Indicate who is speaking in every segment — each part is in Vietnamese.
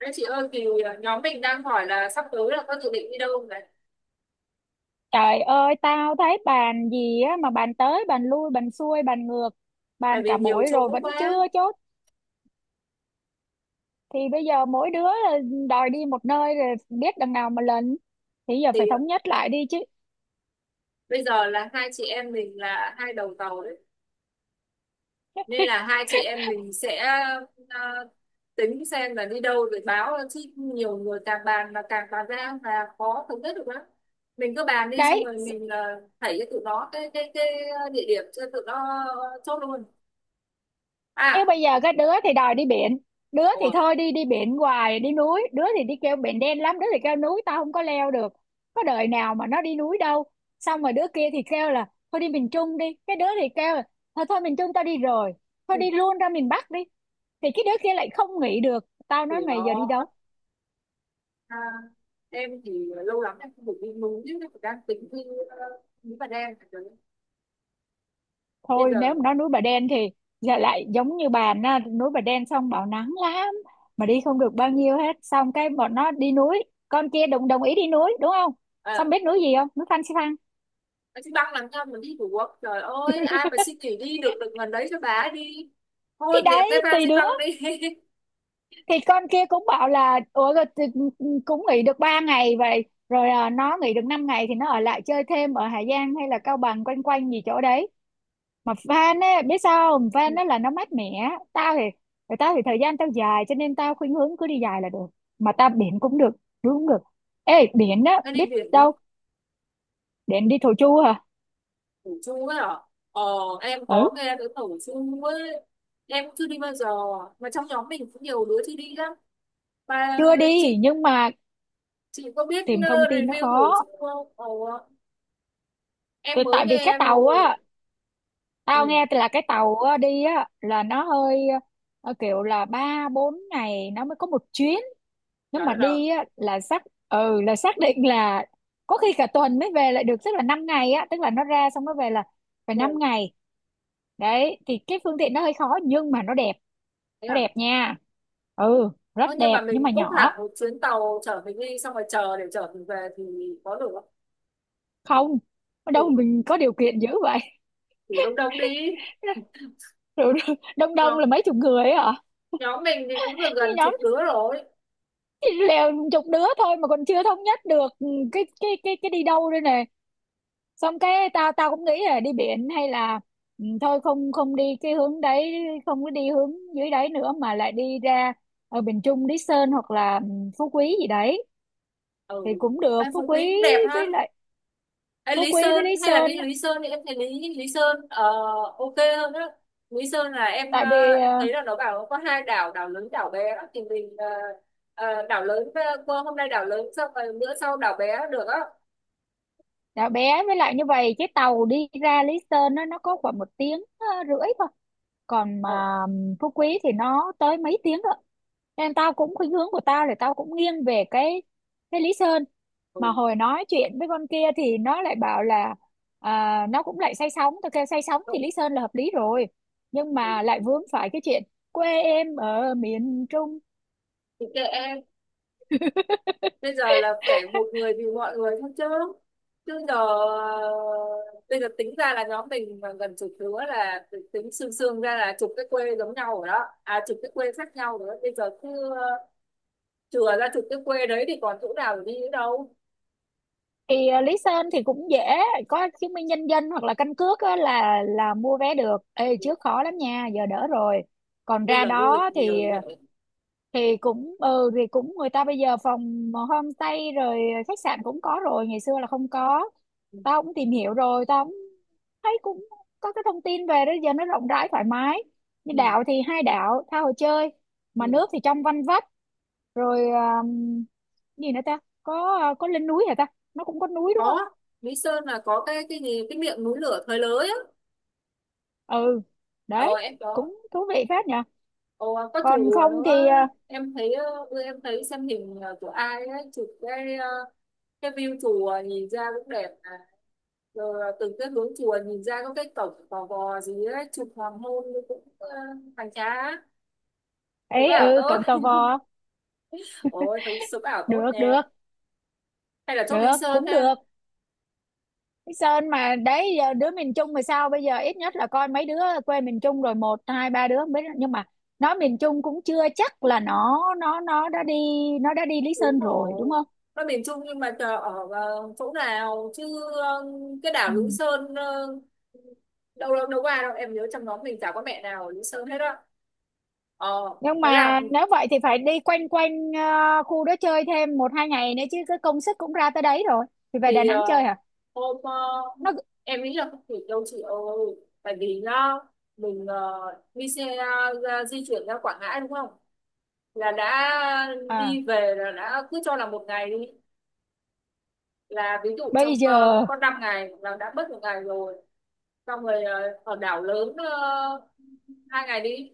Speaker 1: Đấy chị ơi thì nhóm mình đang hỏi là sắp tới là có dự định đi đâu này.
Speaker 2: Trời ơi, tao thấy bàn gì á mà bàn tới, bàn lui, bàn xuôi, bàn ngược,
Speaker 1: Tại
Speaker 2: bàn cả
Speaker 1: vì nhiều
Speaker 2: buổi rồi
Speaker 1: chỗ
Speaker 2: vẫn
Speaker 1: quá
Speaker 2: chưa chốt. Thì bây giờ mỗi đứa đòi đi một nơi rồi biết đằng nào mà lần. Thì giờ phải
Speaker 1: thì
Speaker 2: thống nhất lại đi chứ.
Speaker 1: bây giờ là hai chị em mình là hai đầu tàu đấy, nên là hai chị em mình sẽ ờ, tính xem là đi đâu rồi báo, chứ nhiều người càng bàn là càng bàn ra là khó thống nhất được lắm. Mình cứ bàn đi xong
Speaker 2: Đấy,
Speaker 1: rồi mình là thảy cho tụi nó cái địa điểm cho tụi nó chốt luôn
Speaker 2: nếu
Speaker 1: à.
Speaker 2: bây giờ cái đứa thì đòi đi biển, đứa
Speaker 1: Ồ,
Speaker 2: thì thôi đi đi biển hoài đi núi, đứa thì đi kêu biển đen lắm, đứa thì kêu núi tao không có leo được, có đời nào mà nó đi núi đâu. Xong rồi đứa kia thì kêu là thôi đi miền Trung đi, cái đứa thì kêu là thôi thôi miền Trung tao đi rồi, thôi đi luôn ra miền Bắc đi, thì cái đứa kia lại không nghĩ được, tao
Speaker 1: thì
Speaker 2: nói mày giờ đi
Speaker 1: nó.
Speaker 2: đâu?
Speaker 1: À, em thì lâu lắm em không được đi núi chứ em đang tính đi ờ, núi Bà Đen bây
Speaker 2: Thôi
Speaker 1: giờ.
Speaker 2: nếu mà nói núi Bà Đen thì giờ lại giống như bà na núi Bà Đen xong bảo nắng lắm mà đi không được bao nhiêu hết, xong cái bọn nó đi núi, con kia đồng đồng ý đi núi đúng không?
Speaker 1: ờ
Speaker 2: Xong biết núi gì không? Núi Phan Xipang.
Speaker 1: À, chị băng làm cho mình đi Phú Quốc. Trời ơi ai mà xin nghỉ đi được được gần đấy cho bà ấy đi.
Speaker 2: Thì
Speaker 1: Thôi dẹp cái
Speaker 2: đấy
Speaker 1: van
Speaker 2: tùy
Speaker 1: xin
Speaker 2: đứa,
Speaker 1: băng đi.
Speaker 2: thì con kia cũng bảo là ủa rồi thì cũng nghỉ được 3 ngày vậy rồi, nó nghỉ được 5 ngày thì nó ở lại chơi thêm ở Hà Giang hay là Cao Bằng quanh quanh gì chỗ đấy, mà van á biết sao không,
Speaker 1: Ừ,
Speaker 2: van á là nó mát mẻ tao thì, rồi tao thì thời gian tao dài cho nên tao khuynh hướng cứ đi dài là được, mà tao biển cũng được, đuối cũng được. Ê, biển á
Speaker 1: anh đi
Speaker 2: biết
Speaker 1: biển đi.
Speaker 2: đâu biển đi Thổ Chu hả?
Speaker 1: Thổ Chu ấy hả? ờ em
Speaker 2: Ừ,
Speaker 1: có nghe tới Thổ Chu ấy, em cũng chưa đi bao giờ, mà trong nhóm mình cũng nhiều đứa chưa đi lắm. Mà
Speaker 2: chưa đi
Speaker 1: chị
Speaker 2: nhưng mà
Speaker 1: chị có biết
Speaker 2: tìm thông tin nó
Speaker 1: review Thổ Chu
Speaker 2: khó.
Speaker 1: không? Ờ, em
Speaker 2: Tại
Speaker 1: mới
Speaker 2: tại vì cái
Speaker 1: nghe
Speaker 2: tàu
Speaker 1: thôi.
Speaker 2: á, tao
Speaker 1: Ừ,
Speaker 2: nghe là cái tàu á, đi á là nó hơi, kiểu là ba bốn ngày nó mới có một chuyến, nếu
Speaker 1: trời
Speaker 2: mà
Speaker 1: đất ơi.
Speaker 2: đi á là xác, ừ là xác định là có khi cả tuần mới về lại được, tức là 5 ngày á, tức là nó ra xong nó về là phải năm
Speaker 1: Ừ.
Speaker 2: ngày Đấy thì cái phương tiện nó hơi khó nhưng mà nó đẹp,
Speaker 1: Thế
Speaker 2: nó
Speaker 1: à?
Speaker 2: đẹp nha, ừ rất
Speaker 1: Ơ, nhưng mà
Speaker 2: đẹp nhưng
Speaker 1: mình
Speaker 2: mà
Speaker 1: book hẳn
Speaker 2: nhỏ.
Speaker 1: một chuyến tàu chở mình đi xong rồi chờ để chở mình về thì có được không?
Speaker 2: Không, ở đâu
Speaker 1: Ừ,
Speaker 2: mình có điều kiện dữ vậy.
Speaker 1: thử đông đông đi.
Speaker 2: Rồi, đông đông
Speaker 1: Nhóm,
Speaker 2: là mấy chục người ấy hả?
Speaker 1: nhóm mình thì cũng được
Speaker 2: Như
Speaker 1: gần
Speaker 2: nhóm
Speaker 1: chục đứa rồi.
Speaker 2: chỉ lèo chục đứa thôi mà còn chưa thống nhất được, ừ, cái đi đâu đây nè, xong cái tao tao cũng nghĩ là đi biển hay là, ừ, thôi không không đi cái hướng đấy, không có đi hướng dưới đấy nữa mà lại đi ra ở miền Trung Lý Sơn hoặc là, Phú Quý gì đấy
Speaker 1: Ừ.
Speaker 2: thì cũng được,
Speaker 1: Em
Speaker 2: Phú
Speaker 1: Phú Quý
Speaker 2: Quý
Speaker 1: cũng đẹp ha.
Speaker 2: với lại
Speaker 1: Ê,
Speaker 2: Phú
Speaker 1: Lý
Speaker 2: Quý với
Speaker 1: Sơn
Speaker 2: Lý
Speaker 1: hay là
Speaker 2: Sơn
Speaker 1: đi
Speaker 2: á.
Speaker 1: Lý Sơn thì em thấy Lý Lý Sơn ok hơn đó. Lý Sơn là em
Speaker 2: Tại vì
Speaker 1: ờ, em thấy là nó bảo có hai đảo, đảo lớn đảo bé đó. Thì mình, đảo lớn, qua hôm nay đảo lớn xong rồi bữa sau đảo bé được á.
Speaker 2: đã bé với lại như vậy, cái tàu đi ra Lý Sơn nó có khoảng 1 tiếng rưỡi thôi, còn
Speaker 1: Ờ,
Speaker 2: mà Phú Quý thì nó tới mấy tiếng đó, nên tao cũng khuynh hướng của tao là tao cũng nghiêng về cái Lý Sơn,
Speaker 1: ừ,
Speaker 2: mà hồi nói chuyện với con kia thì nó lại bảo là, nó cũng lại say sóng, tao kêu say sóng
Speaker 1: ừ,
Speaker 2: thì Lý Sơn là hợp lý rồi, nhưng
Speaker 1: ừ.
Speaker 2: mà lại vướng phải cái chuyện quê em ở miền Trung.
Speaker 1: Thì kệ em. Bây giờ là phải một người vì mọi người thôi chứ chứ giờ, bây giờ tính ra là nhóm mình mà gần chục đứa là tính xương xương ra là chục cái quê giống nhau rồi đó. À, chục cái quê khác nhau rồi đó. Bây giờ cứ, ờ, chừa ra chục cái quê đấy thì còn chỗ nào để đi nữa đâu.
Speaker 2: Thì lý sơn thì cũng dễ, có chứng minh nhân dân hoặc là căn cước á, là mua vé được. Ê, trước khó lắm nha, giờ đỡ rồi. Còn
Speaker 1: Bây
Speaker 2: ra
Speaker 1: giờ du lịch
Speaker 2: đó
Speaker 1: nhiều rồi.
Speaker 2: thì cũng, ừ thì cũng, người ta bây giờ phòng homestay rồi, khách sạn cũng có rồi, ngày xưa là không có.
Speaker 1: Ừ.
Speaker 2: Tao cũng tìm hiểu rồi, tao cũng thấy cũng có cái thông tin về đó, giờ nó rộng rãi thoải mái, như
Speaker 1: Ừ.
Speaker 2: đảo thì hai đảo tha hồ chơi, mà
Speaker 1: Ừ.
Speaker 2: nước thì trong vanh vách, rồi gì nữa ta, có lên núi hả ta? Nó cũng có núi đúng không?
Speaker 1: Có. Mỹ Sơn là có cái gì cái miệng núi lửa thời lới á.
Speaker 2: Ừ
Speaker 1: Ờ
Speaker 2: đấy,
Speaker 1: em có.
Speaker 2: cũng thú vị phết nhỉ,
Speaker 1: Ồ, có
Speaker 2: còn
Speaker 1: chủ
Speaker 2: không
Speaker 1: nữa.
Speaker 2: thì
Speaker 1: Em thấy, bữa em thấy xem hình, của ai ấy chụp cái view chùa nhìn ra cũng đẹp mà. Rồi từng cái hướng chùa nhìn ra có cái cổng gò gò gì ấy, chụp hoàng hôn cũng, hoành tráng. Chụp
Speaker 2: ấy
Speaker 1: ảo
Speaker 2: ừ
Speaker 1: tốt.
Speaker 2: cộng tò vò.
Speaker 1: Ôi thực sự ảo tốt
Speaker 2: Được được,
Speaker 1: nè. Hay là chốt Lý
Speaker 2: được
Speaker 1: Sơn
Speaker 2: cũng
Speaker 1: ha.
Speaker 2: được. Cái Sơn mà đấy, giờ đứa miền Trung mà sao bây giờ ít nhất là coi mấy đứa quê miền Trung rồi, một hai ba đứa không biết, nhưng mà nó miền Trung cũng chưa chắc là nó đã đi, nó đã đi Lý
Speaker 1: Đúng
Speaker 2: Sơn rồi đúng
Speaker 1: rồi,
Speaker 2: không?
Speaker 1: nó miền Trung nhưng mà chờ ở, chỗ nào chứ, ờ, cái đảo Lý
Speaker 2: Ừ.
Speaker 1: Sơn, đâu đâu đâu qua đâu, em nhớ trong nhóm mình chả có mẹ nào ở Lý Sơn hết á. Ờ,
Speaker 2: Nhưng
Speaker 1: thế là,
Speaker 2: mà nếu vậy thì phải đi quanh quanh khu đó chơi thêm một hai ngày nữa chứ, cái công sức cũng ra tới đấy rồi, thì về Đà
Speaker 1: thì,
Speaker 2: Nẵng chơi hả?
Speaker 1: hôm,
Speaker 2: Nó
Speaker 1: em nghĩ là không kịp đâu chị ơi. Tại vì nó, mình, đi xe, ra, di chuyển ra Quảng Ngãi đúng không, là đã.
Speaker 2: à,
Speaker 1: Đi về là đã, cứ cho là 1 ngày đi, là ví dụ
Speaker 2: bây
Speaker 1: trong,
Speaker 2: giờ
Speaker 1: có 5 ngày là đã mất 1 ngày rồi. Xong rồi, ở đảo lớn, 2 ngày đi.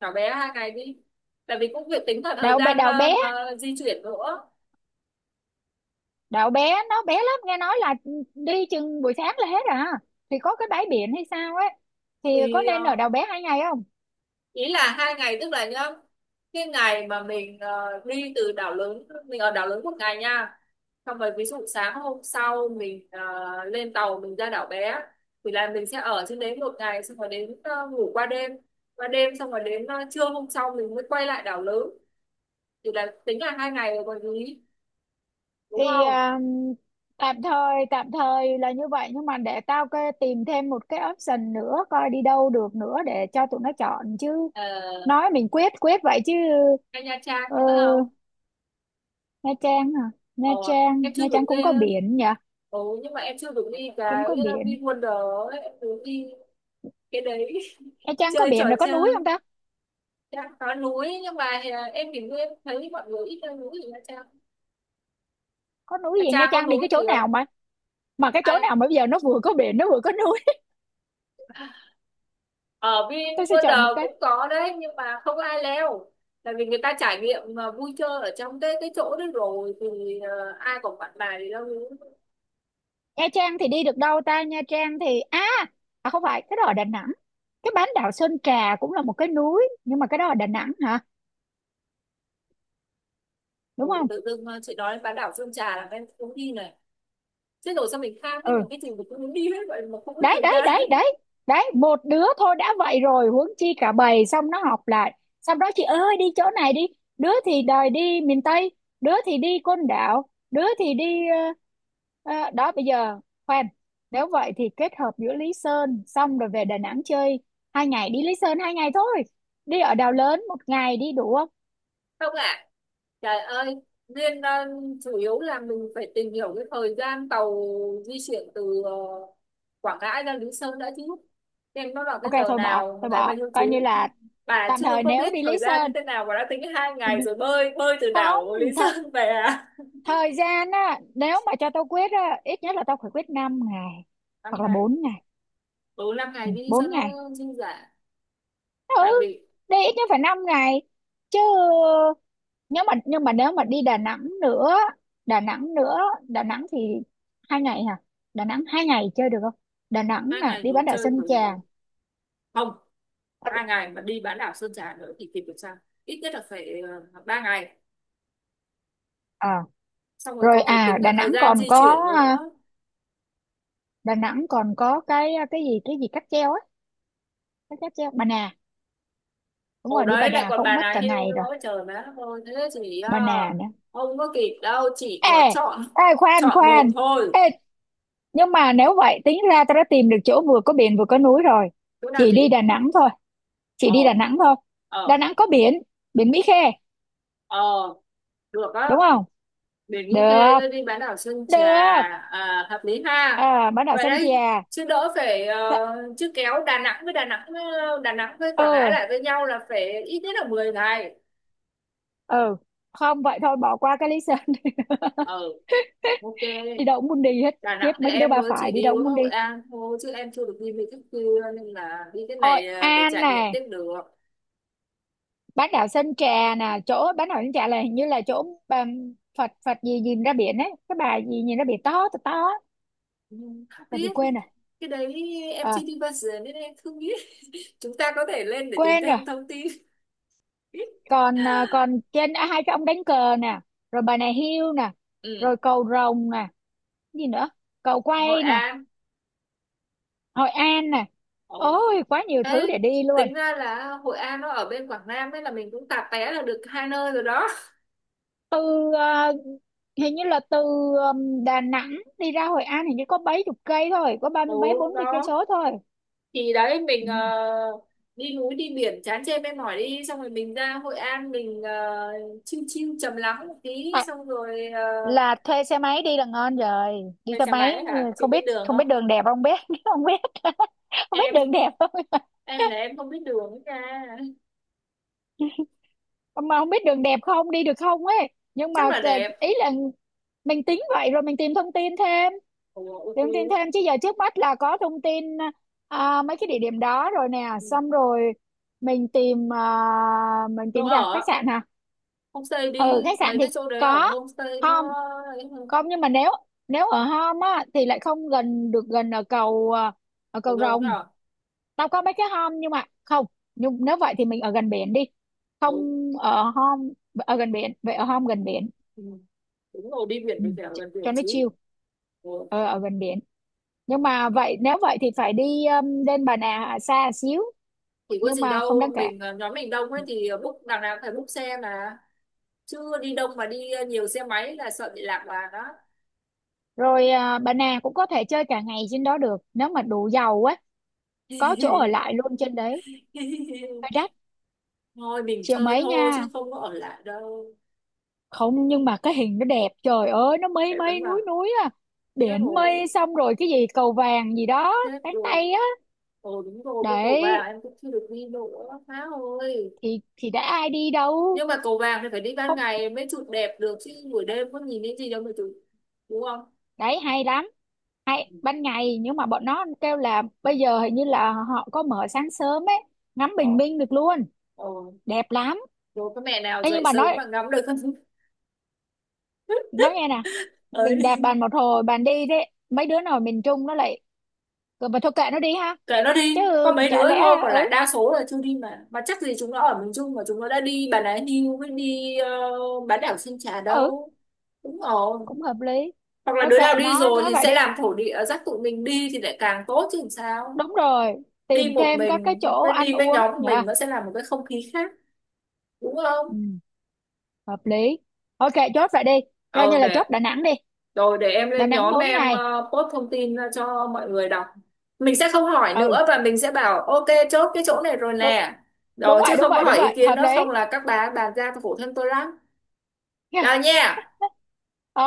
Speaker 1: Đảo bé 2 ngày đi. Tại vì cũng việc tính cả thời
Speaker 2: đậu bé
Speaker 1: gian,
Speaker 2: đậu bé
Speaker 1: di chuyển nữa.
Speaker 2: đậu bé nó bé lắm, nghe nói là đi chừng buổi sáng là hết à, thì có cái bãi biển hay sao ấy, thì có
Speaker 1: Thì,
Speaker 2: nên ở đậu bé 2 ngày không?
Speaker 1: ý là 2 ngày tức là nhá, cái ngày mà mình, đi từ đảo lớn, mình ở đảo lớn 1 ngày nha. Xong rồi ví dụ sáng hôm sau mình, lên tàu mình ra đảo bé. Thì là mình sẽ ở trên đấy 1 ngày, xong rồi đến, ngủ qua đêm. Qua đêm xong rồi đến, trưa hôm sau mình mới quay lại đảo lớn. Thì là tính là 2 ngày rồi còn gì, đúng
Speaker 2: Thì
Speaker 1: không?
Speaker 2: tạm thời là như vậy nhưng mà để tao cái tìm thêm một cái option nữa coi đi đâu được nữa để cho tụi nó chọn chứ,
Speaker 1: Ờ,
Speaker 2: nói mình quyết quyết vậy chứ.
Speaker 1: hay Nha Trang
Speaker 2: ờ,
Speaker 1: nữa không?
Speaker 2: Nha Trang à? Nha
Speaker 1: ờ,
Speaker 2: Trang
Speaker 1: em chưa
Speaker 2: Nha
Speaker 1: được
Speaker 2: Trang
Speaker 1: đi.
Speaker 2: cũng có biển nhỉ,
Speaker 1: Ừ, nhưng mà em chưa được đi cái
Speaker 2: cũng có biển.
Speaker 1: VinWonder ấy, em muốn đi cái đấy.
Speaker 2: Nha Trang có
Speaker 1: Chơi trò
Speaker 2: biển rồi có
Speaker 1: chơi.
Speaker 2: núi không ta?
Speaker 1: Dạ, có núi nhưng mà à, em thì em thấy mọi người ít leo núi thì Nha Trang.
Speaker 2: Có núi
Speaker 1: Nha
Speaker 2: gì Nha
Speaker 1: Trang có
Speaker 2: Trang? Đi
Speaker 1: núi
Speaker 2: cái
Speaker 1: thì
Speaker 2: chỗ nào
Speaker 1: không?
Speaker 2: mà cái chỗ
Speaker 1: Ai
Speaker 2: nào mà bây giờ nó vừa có biển nó vừa có núi?
Speaker 1: ở
Speaker 2: Tôi sẽ chọn một
Speaker 1: VinWonder
Speaker 2: cái.
Speaker 1: cũng có đấy nhưng mà không ai leo. Tại vì người ta trải nghiệm mà vui chơi ở trong cái chỗ đấy rồi thì, à, ai còn bạn bài thì leo núi.
Speaker 2: Nha Trang thì đi được đâu ta? Nha Trang thì không phải, cái đó ở Đà Nẵng, cái bán đảo Sơn Trà cũng là một cái núi nhưng mà cái đó ở Đà Nẵng hả? Đúng
Speaker 1: Ừ,
Speaker 2: không?
Speaker 1: tự dưng à, chị nói đến bán đảo Sơn Trà là em cũng đi này. Chết rồi, sao mình kham ấy,
Speaker 2: Ừ
Speaker 1: mà cái gì mình cũng muốn đi hết vậy mà không có
Speaker 2: đấy
Speaker 1: thời
Speaker 2: đấy
Speaker 1: gian.
Speaker 2: đấy đấy đấy, một đứa thôi đã vậy rồi huống chi cả bầy, xong nó học lại xong đó chị ơi đi chỗ này đi, đứa thì đòi đi miền Tây, đứa thì đi Côn Đảo, đứa thì đi, ờ, đó bây giờ, khoan, nếu vậy thì kết hợp giữa Lý Sơn xong rồi về Đà Nẵng chơi, hai ngày đi Lý Sơn, 2 ngày thôi, đi ở Đảo Lớn 1 ngày đi đủ không?
Speaker 1: Không ạ. Trời ơi. Nên, chủ yếu là mình phải tìm hiểu cái thời gian tàu di chuyển từ, Quảng Ngãi ra Lý Sơn đã chứ. Em, nó vào cái
Speaker 2: Ok
Speaker 1: giờ nào mà
Speaker 2: thôi
Speaker 1: ngày bao
Speaker 2: bỏ
Speaker 1: nhiêu
Speaker 2: coi
Speaker 1: chuyến.
Speaker 2: như là
Speaker 1: Bà
Speaker 2: tạm
Speaker 1: chưa
Speaker 2: thời
Speaker 1: có
Speaker 2: nếu
Speaker 1: biết
Speaker 2: đi
Speaker 1: thời
Speaker 2: Lý
Speaker 1: gian như
Speaker 2: Sơn.
Speaker 1: thế nào mà đã tính hai ngày rồi bơi bơi từ đảo Lý
Speaker 2: Không, th
Speaker 1: Sơn về à.
Speaker 2: thời gian á nếu mà cho tao quyết á ít nhất là tao phải quyết 5 ngày hoặc
Speaker 1: năm
Speaker 2: là
Speaker 1: ngày
Speaker 2: 4 ngày,
Speaker 1: Ừ, 5 ngày đi cho
Speaker 2: 4 ngày,
Speaker 1: nó dư dả.
Speaker 2: ừ,
Speaker 1: Tại vì
Speaker 2: đi ít nhất phải 5 ngày chứ, nhưng mà nếu mà đi Đà Nẵng nữa, Đà Nẵng nữa, Đà Nẵng thì 2 ngày hả? Đà Nẵng 2 ngày chơi được không? Đà Nẵng
Speaker 1: hai
Speaker 2: nè
Speaker 1: ngày
Speaker 2: đi
Speaker 1: rồi
Speaker 2: bán đảo
Speaker 1: chơi
Speaker 2: Sơn
Speaker 1: buổi.
Speaker 2: Trà.
Speaker 1: Không, 2 ngày mà đi bán đảo Sơn Trà nữa thì kịp được sao? Ít nhất là phải, 3 ngày.
Speaker 2: à,
Speaker 1: Xong rồi
Speaker 2: Rồi,
Speaker 1: còn phải tính
Speaker 2: Đà
Speaker 1: cả thời
Speaker 2: Nẵng
Speaker 1: gian
Speaker 2: còn
Speaker 1: di
Speaker 2: có,
Speaker 1: chuyển nữa.
Speaker 2: Đà Nẵng còn có cái gì cáp treo á, cái cáp treo Bà Nà, đúng
Speaker 1: Ồ
Speaker 2: rồi, đi Bà
Speaker 1: đấy, lại
Speaker 2: Nà
Speaker 1: còn
Speaker 2: không
Speaker 1: bà
Speaker 2: mất
Speaker 1: nào
Speaker 2: cả
Speaker 1: hưu
Speaker 2: ngày
Speaker 1: nữa,
Speaker 2: rồi,
Speaker 1: trời má ơi, thế thì
Speaker 2: Bà
Speaker 1: à,
Speaker 2: Nà nữa.
Speaker 1: không có kịp đâu, chỉ
Speaker 2: Ê
Speaker 1: có chọn
Speaker 2: ê, khoan
Speaker 1: chọn
Speaker 2: khoan,
Speaker 1: một thôi.
Speaker 2: ê, nhưng mà nếu vậy tính ra tao đã tìm được chỗ vừa có biển vừa có núi rồi,
Speaker 1: Chỗ nào
Speaker 2: chỉ đi
Speaker 1: chị?
Speaker 2: Đà Nẵng thôi, chỉ
Speaker 1: ờ
Speaker 2: đi Đà Nẵng thôi, Đà
Speaker 1: ờ
Speaker 2: Nẵng có biển, biển Mỹ Khê
Speaker 1: ờ Được á.
Speaker 2: đúng không?
Speaker 1: Biển Mỹ Khê
Speaker 2: Được
Speaker 1: rồi đi bán đảo Sơn Trà,
Speaker 2: được,
Speaker 1: à, hợp lý ha.
Speaker 2: à, bán đảo
Speaker 1: Vậy
Speaker 2: Sơn
Speaker 1: đấy,
Speaker 2: Trà.
Speaker 1: chứ đỡ phải,
Speaker 2: Sa-
Speaker 1: chứ kéo Đà Nẵng với Đà Nẵng Đà Nẵng với Quảng Ngãi
Speaker 2: ừ
Speaker 1: lại với nhau là phải ít nhất là 10 ngày.
Speaker 2: ừ, không vậy thôi bỏ qua cái lý sơn.
Speaker 1: Ờ, ok.
Speaker 2: Đi đâu cũng muốn đi hết
Speaker 1: Đà
Speaker 2: khiếp,
Speaker 1: Nẵng thì
Speaker 2: mấy cái đứa
Speaker 1: em
Speaker 2: ba
Speaker 1: mới chỉ
Speaker 2: phải, đi
Speaker 1: đi
Speaker 2: đâu cũng
Speaker 1: có
Speaker 2: muốn đi.
Speaker 1: Hội An thôi chứ em chưa được đi mấy cái kia, nên là đi cái
Speaker 2: Hội
Speaker 1: này à, để
Speaker 2: An
Speaker 1: trải nghiệm
Speaker 2: nè,
Speaker 1: tiếp được.
Speaker 2: bán đảo Sơn Trà nè, chỗ bán đảo Sơn Trà là hình như là chỗ Phật Phật gì nhìn ra biển ấy, cái bà gì nhìn ra biển to to to á.
Speaker 1: Nhưng không
Speaker 2: Phật gì
Speaker 1: biết,
Speaker 2: quên rồi.
Speaker 1: cái đấy em
Speaker 2: Ờ,
Speaker 1: chưa đi bao giờ nên em không biết. Chúng ta có thể lên để tìm
Speaker 2: quên rồi.
Speaker 1: thêm thông tin.
Speaker 2: Còn còn trên hai cái ông đánh cờ nè, rồi bà này hiêu nè,
Speaker 1: Ừ,
Speaker 2: rồi cầu rồng nè, gì nữa, cầu
Speaker 1: Hội
Speaker 2: quay nè,
Speaker 1: An.
Speaker 2: Hội An nè,
Speaker 1: Ồ.
Speaker 2: ôi quá nhiều
Speaker 1: Ê,
Speaker 2: thứ để đi luôn.
Speaker 1: tính ra là Hội An nó ở bên Quảng Nam ấy, là mình cũng tạp té là được hai nơi rồi đó.
Speaker 2: Từ ờ, hình như là từ Đà Nẵng đi ra Hội An hình như có mấy chục cây thôi, có ba
Speaker 1: Ồ
Speaker 2: mươi mấy bốn mươi cây
Speaker 1: đó.
Speaker 2: số thôi.
Speaker 1: Thì đấy mình,
Speaker 2: Ừ.
Speaker 1: đi núi đi biển chán chê mệt mỏi, đi xong rồi mình ra Hội An mình, chill chill trầm lắng một tí,
Speaker 2: Tại
Speaker 1: xong rồi,
Speaker 2: là thuê xe máy đi là ngon rồi, đi
Speaker 1: thuê
Speaker 2: xe
Speaker 1: xe
Speaker 2: máy,
Speaker 1: máy hả, chị
Speaker 2: không
Speaker 1: biết
Speaker 2: biết,
Speaker 1: đường
Speaker 2: không biết
Speaker 1: không?
Speaker 2: đường đẹp không biết, không biết, không biết
Speaker 1: em
Speaker 2: đường đẹp không,
Speaker 1: em là em không biết đường ấy nha.
Speaker 2: mà không biết đường đẹp không đi được không ấy, nhưng
Speaker 1: Chắc
Speaker 2: mà
Speaker 1: là đẹp.
Speaker 2: ý là mình tính vậy rồi mình tìm thông tin thêm,
Speaker 1: Ủa, ok.
Speaker 2: tìm thông tin thêm chứ giờ trước mắt là có thông tin mấy cái địa điểm đó rồi nè,
Speaker 1: Ừ.
Speaker 2: xong rồi mình tìm, mình
Speaker 1: Chỗ
Speaker 2: tìm ra khách
Speaker 1: ở,
Speaker 2: sạn hả?
Speaker 1: homestay
Speaker 2: Ừ
Speaker 1: đi,
Speaker 2: khách sạn
Speaker 1: mấy
Speaker 2: thì
Speaker 1: cái chỗ đấy ở
Speaker 2: có,
Speaker 1: homestay nó ấy hơn.
Speaker 2: không, nhưng mà nếu nếu ở Hom á thì lại không gần được, gần ở cầu ở
Speaker 1: Cầu
Speaker 2: cầu
Speaker 1: Rồng
Speaker 2: Rồng,
Speaker 1: nhở.
Speaker 2: tao có mấy cái Hom nhưng mà không, nhưng nếu vậy thì mình ở gần biển đi, không,
Speaker 1: Ừ.
Speaker 2: ở Hom, ở gần biển vậy ở Hom gần biển,
Speaker 1: Ừ. Đúng rồi, đi biển
Speaker 2: ừ,
Speaker 1: thì phải ở gần biển
Speaker 2: cho nó
Speaker 1: chứ.
Speaker 2: chill,
Speaker 1: Ừ.
Speaker 2: ờ, ở gần biển, nhưng mà vậy nếu vậy thì phải đi lên Bà Nà xa xíu,
Speaker 1: Thì có
Speaker 2: nhưng
Speaker 1: gì
Speaker 2: mà không đáng
Speaker 1: đâu,
Speaker 2: kể.
Speaker 1: mình, nhóm mình đông ấy thì book đằng nào cũng phải book xe mà. Chưa đi đông mà đi, nhiều xe máy là sợ bị lạc đoàn đó.
Speaker 2: Rồi Bà Nà cũng có thể chơi cả ngày trên đó được nếu mà đủ giàu á, có chỗ ở lại luôn trên đấy, hơi đắt,
Speaker 1: Thôi mình
Speaker 2: triệu
Speaker 1: chơi
Speaker 2: mấy
Speaker 1: thôi chứ
Speaker 2: nha,
Speaker 1: không có ở lại đâu.
Speaker 2: không nhưng mà cái hình nó đẹp, trời ơi nó mây
Speaker 1: Để vẫn
Speaker 2: mây
Speaker 1: mà.
Speaker 2: núi núi à,
Speaker 1: Chết
Speaker 2: biển
Speaker 1: rồi,
Speaker 2: mây, xong rồi cái gì cầu vàng gì đó,
Speaker 1: chết
Speaker 2: cánh
Speaker 1: rồi,
Speaker 2: tay á,
Speaker 1: ồ đúng rồi, cái cầu vàng
Speaker 2: đấy
Speaker 1: em cũng chưa được đi nữa má ơi.
Speaker 2: thì đã ai đi đâu,
Speaker 1: Nhưng mà cầu vàng thì phải đi ban
Speaker 2: không
Speaker 1: ngày mới chụp đẹp được chứ buổi đêm có nhìn thấy gì đâu mà chụp, đúng không?
Speaker 2: đấy hay lắm, hay ban ngày nhưng mà bọn nó kêu là bây giờ hình như là họ có mở sáng sớm ấy, ngắm
Speaker 1: ờ
Speaker 2: bình minh được luôn,
Speaker 1: ờ
Speaker 2: đẹp lắm.
Speaker 1: Rồi có mẹ nào
Speaker 2: Ê, nhưng
Speaker 1: dậy
Speaker 2: mà
Speaker 1: sớm
Speaker 2: nói
Speaker 1: mà ngắm được không?
Speaker 2: nói nghe nè,
Speaker 1: Ấy,
Speaker 2: mình đạp bàn một hồi bàn đi, đấy mấy đứa nào miền Trung nó lại "Ờ, mà thôi kệ nó đi ha,
Speaker 1: kệ nó đi có
Speaker 2: chứ
Speaker 1: mấy
Speaker 2: chả
Speaker 1: đứa
Speaker 2: lẽ,
Speaker 1: thôi còn lại
Speaker 2: ừ
Speaker 1: đa số là chưa đi, mà chắc gì chúng nó ở miền Trung mà chúng nó đã đi Bà Nà Hills với đi, bán đảo Sơn Trà
Speaker 2: ừ
Speaker 1: đâu. Đúng rồi,
Speaker 2: cũng hợp lý,
Speaker 1: hoặc là
Speaker 2: thôi
Speaker 1: đứa nào
Speaker 2: kệ
Speaker 1: đi
Speaker 2: nó
Speaker 1: rồi
Speaker 2: nói
Speaker 1: thì
Speaker 2: vậy
Speaker 1: sẽ
Speaker 2: đi,
Speaker 1: làm thổ địa dắt tụi mình đi thì lại càng tốt chứ làm sao.
Speaker 2: đúng rồi
Speaker 1: Đi
Speaker 2: tìm
Speaker 1: một
Speaker 2: thêm các cái
Speaker 1: mình
Speaker 2: chỗ
Speaker 1: với
Speaker 2: ăn
Speaker 1: đi với
Speaker 2: uống
Speaker 1: nhóm của
Speaker 2: nha,
Speaker 1: mình nó sẽ là một cái không khí khác, đúng
Speaker 2: ừ,
Speaker 1: không?
Speaker 2: hợp lý. Ok, chốt vậy đi, coi
Speaker 1: Ờ
Speaker 2: như là chốt
Speaker 1: để.
Speaker 2: Đà Nẵng đi,
Speaker 1: Rồi để em
Speaker 2: Đà
Speaker 1: lên
Speaker 2: Nẵng
Speaker 1: nhóm
Speaker 2: bốn
Speaker 1: em,
Speaker 2: ngày
Speaker 1: post thông tin ra cho mọi người đọc. Mình sẽ không hỏi
Speaker 2: ừ
Speaker 1: nữa và mình sẽ bảo ok chốt cái chỗ này rồi
Speaker 2: đúng,
Speaker 1: nè.
Speaker 2: đúng
Speaker 1: Rồi chứ
Speaker 2: vậy đúng
Speaker 1: không có
Speaker 2: vậy đúng
Speaker 1: hỏi ý
Speaker 2: vậy
Speaker 1: kiến
Speaker 2: hợp
Speaker 1: nữa
Speaker 2: lý.
Speaker 1: không là các bà bàn ra phụ thân tôi lắm. Rồi nha.
Speaker 2: Ờ,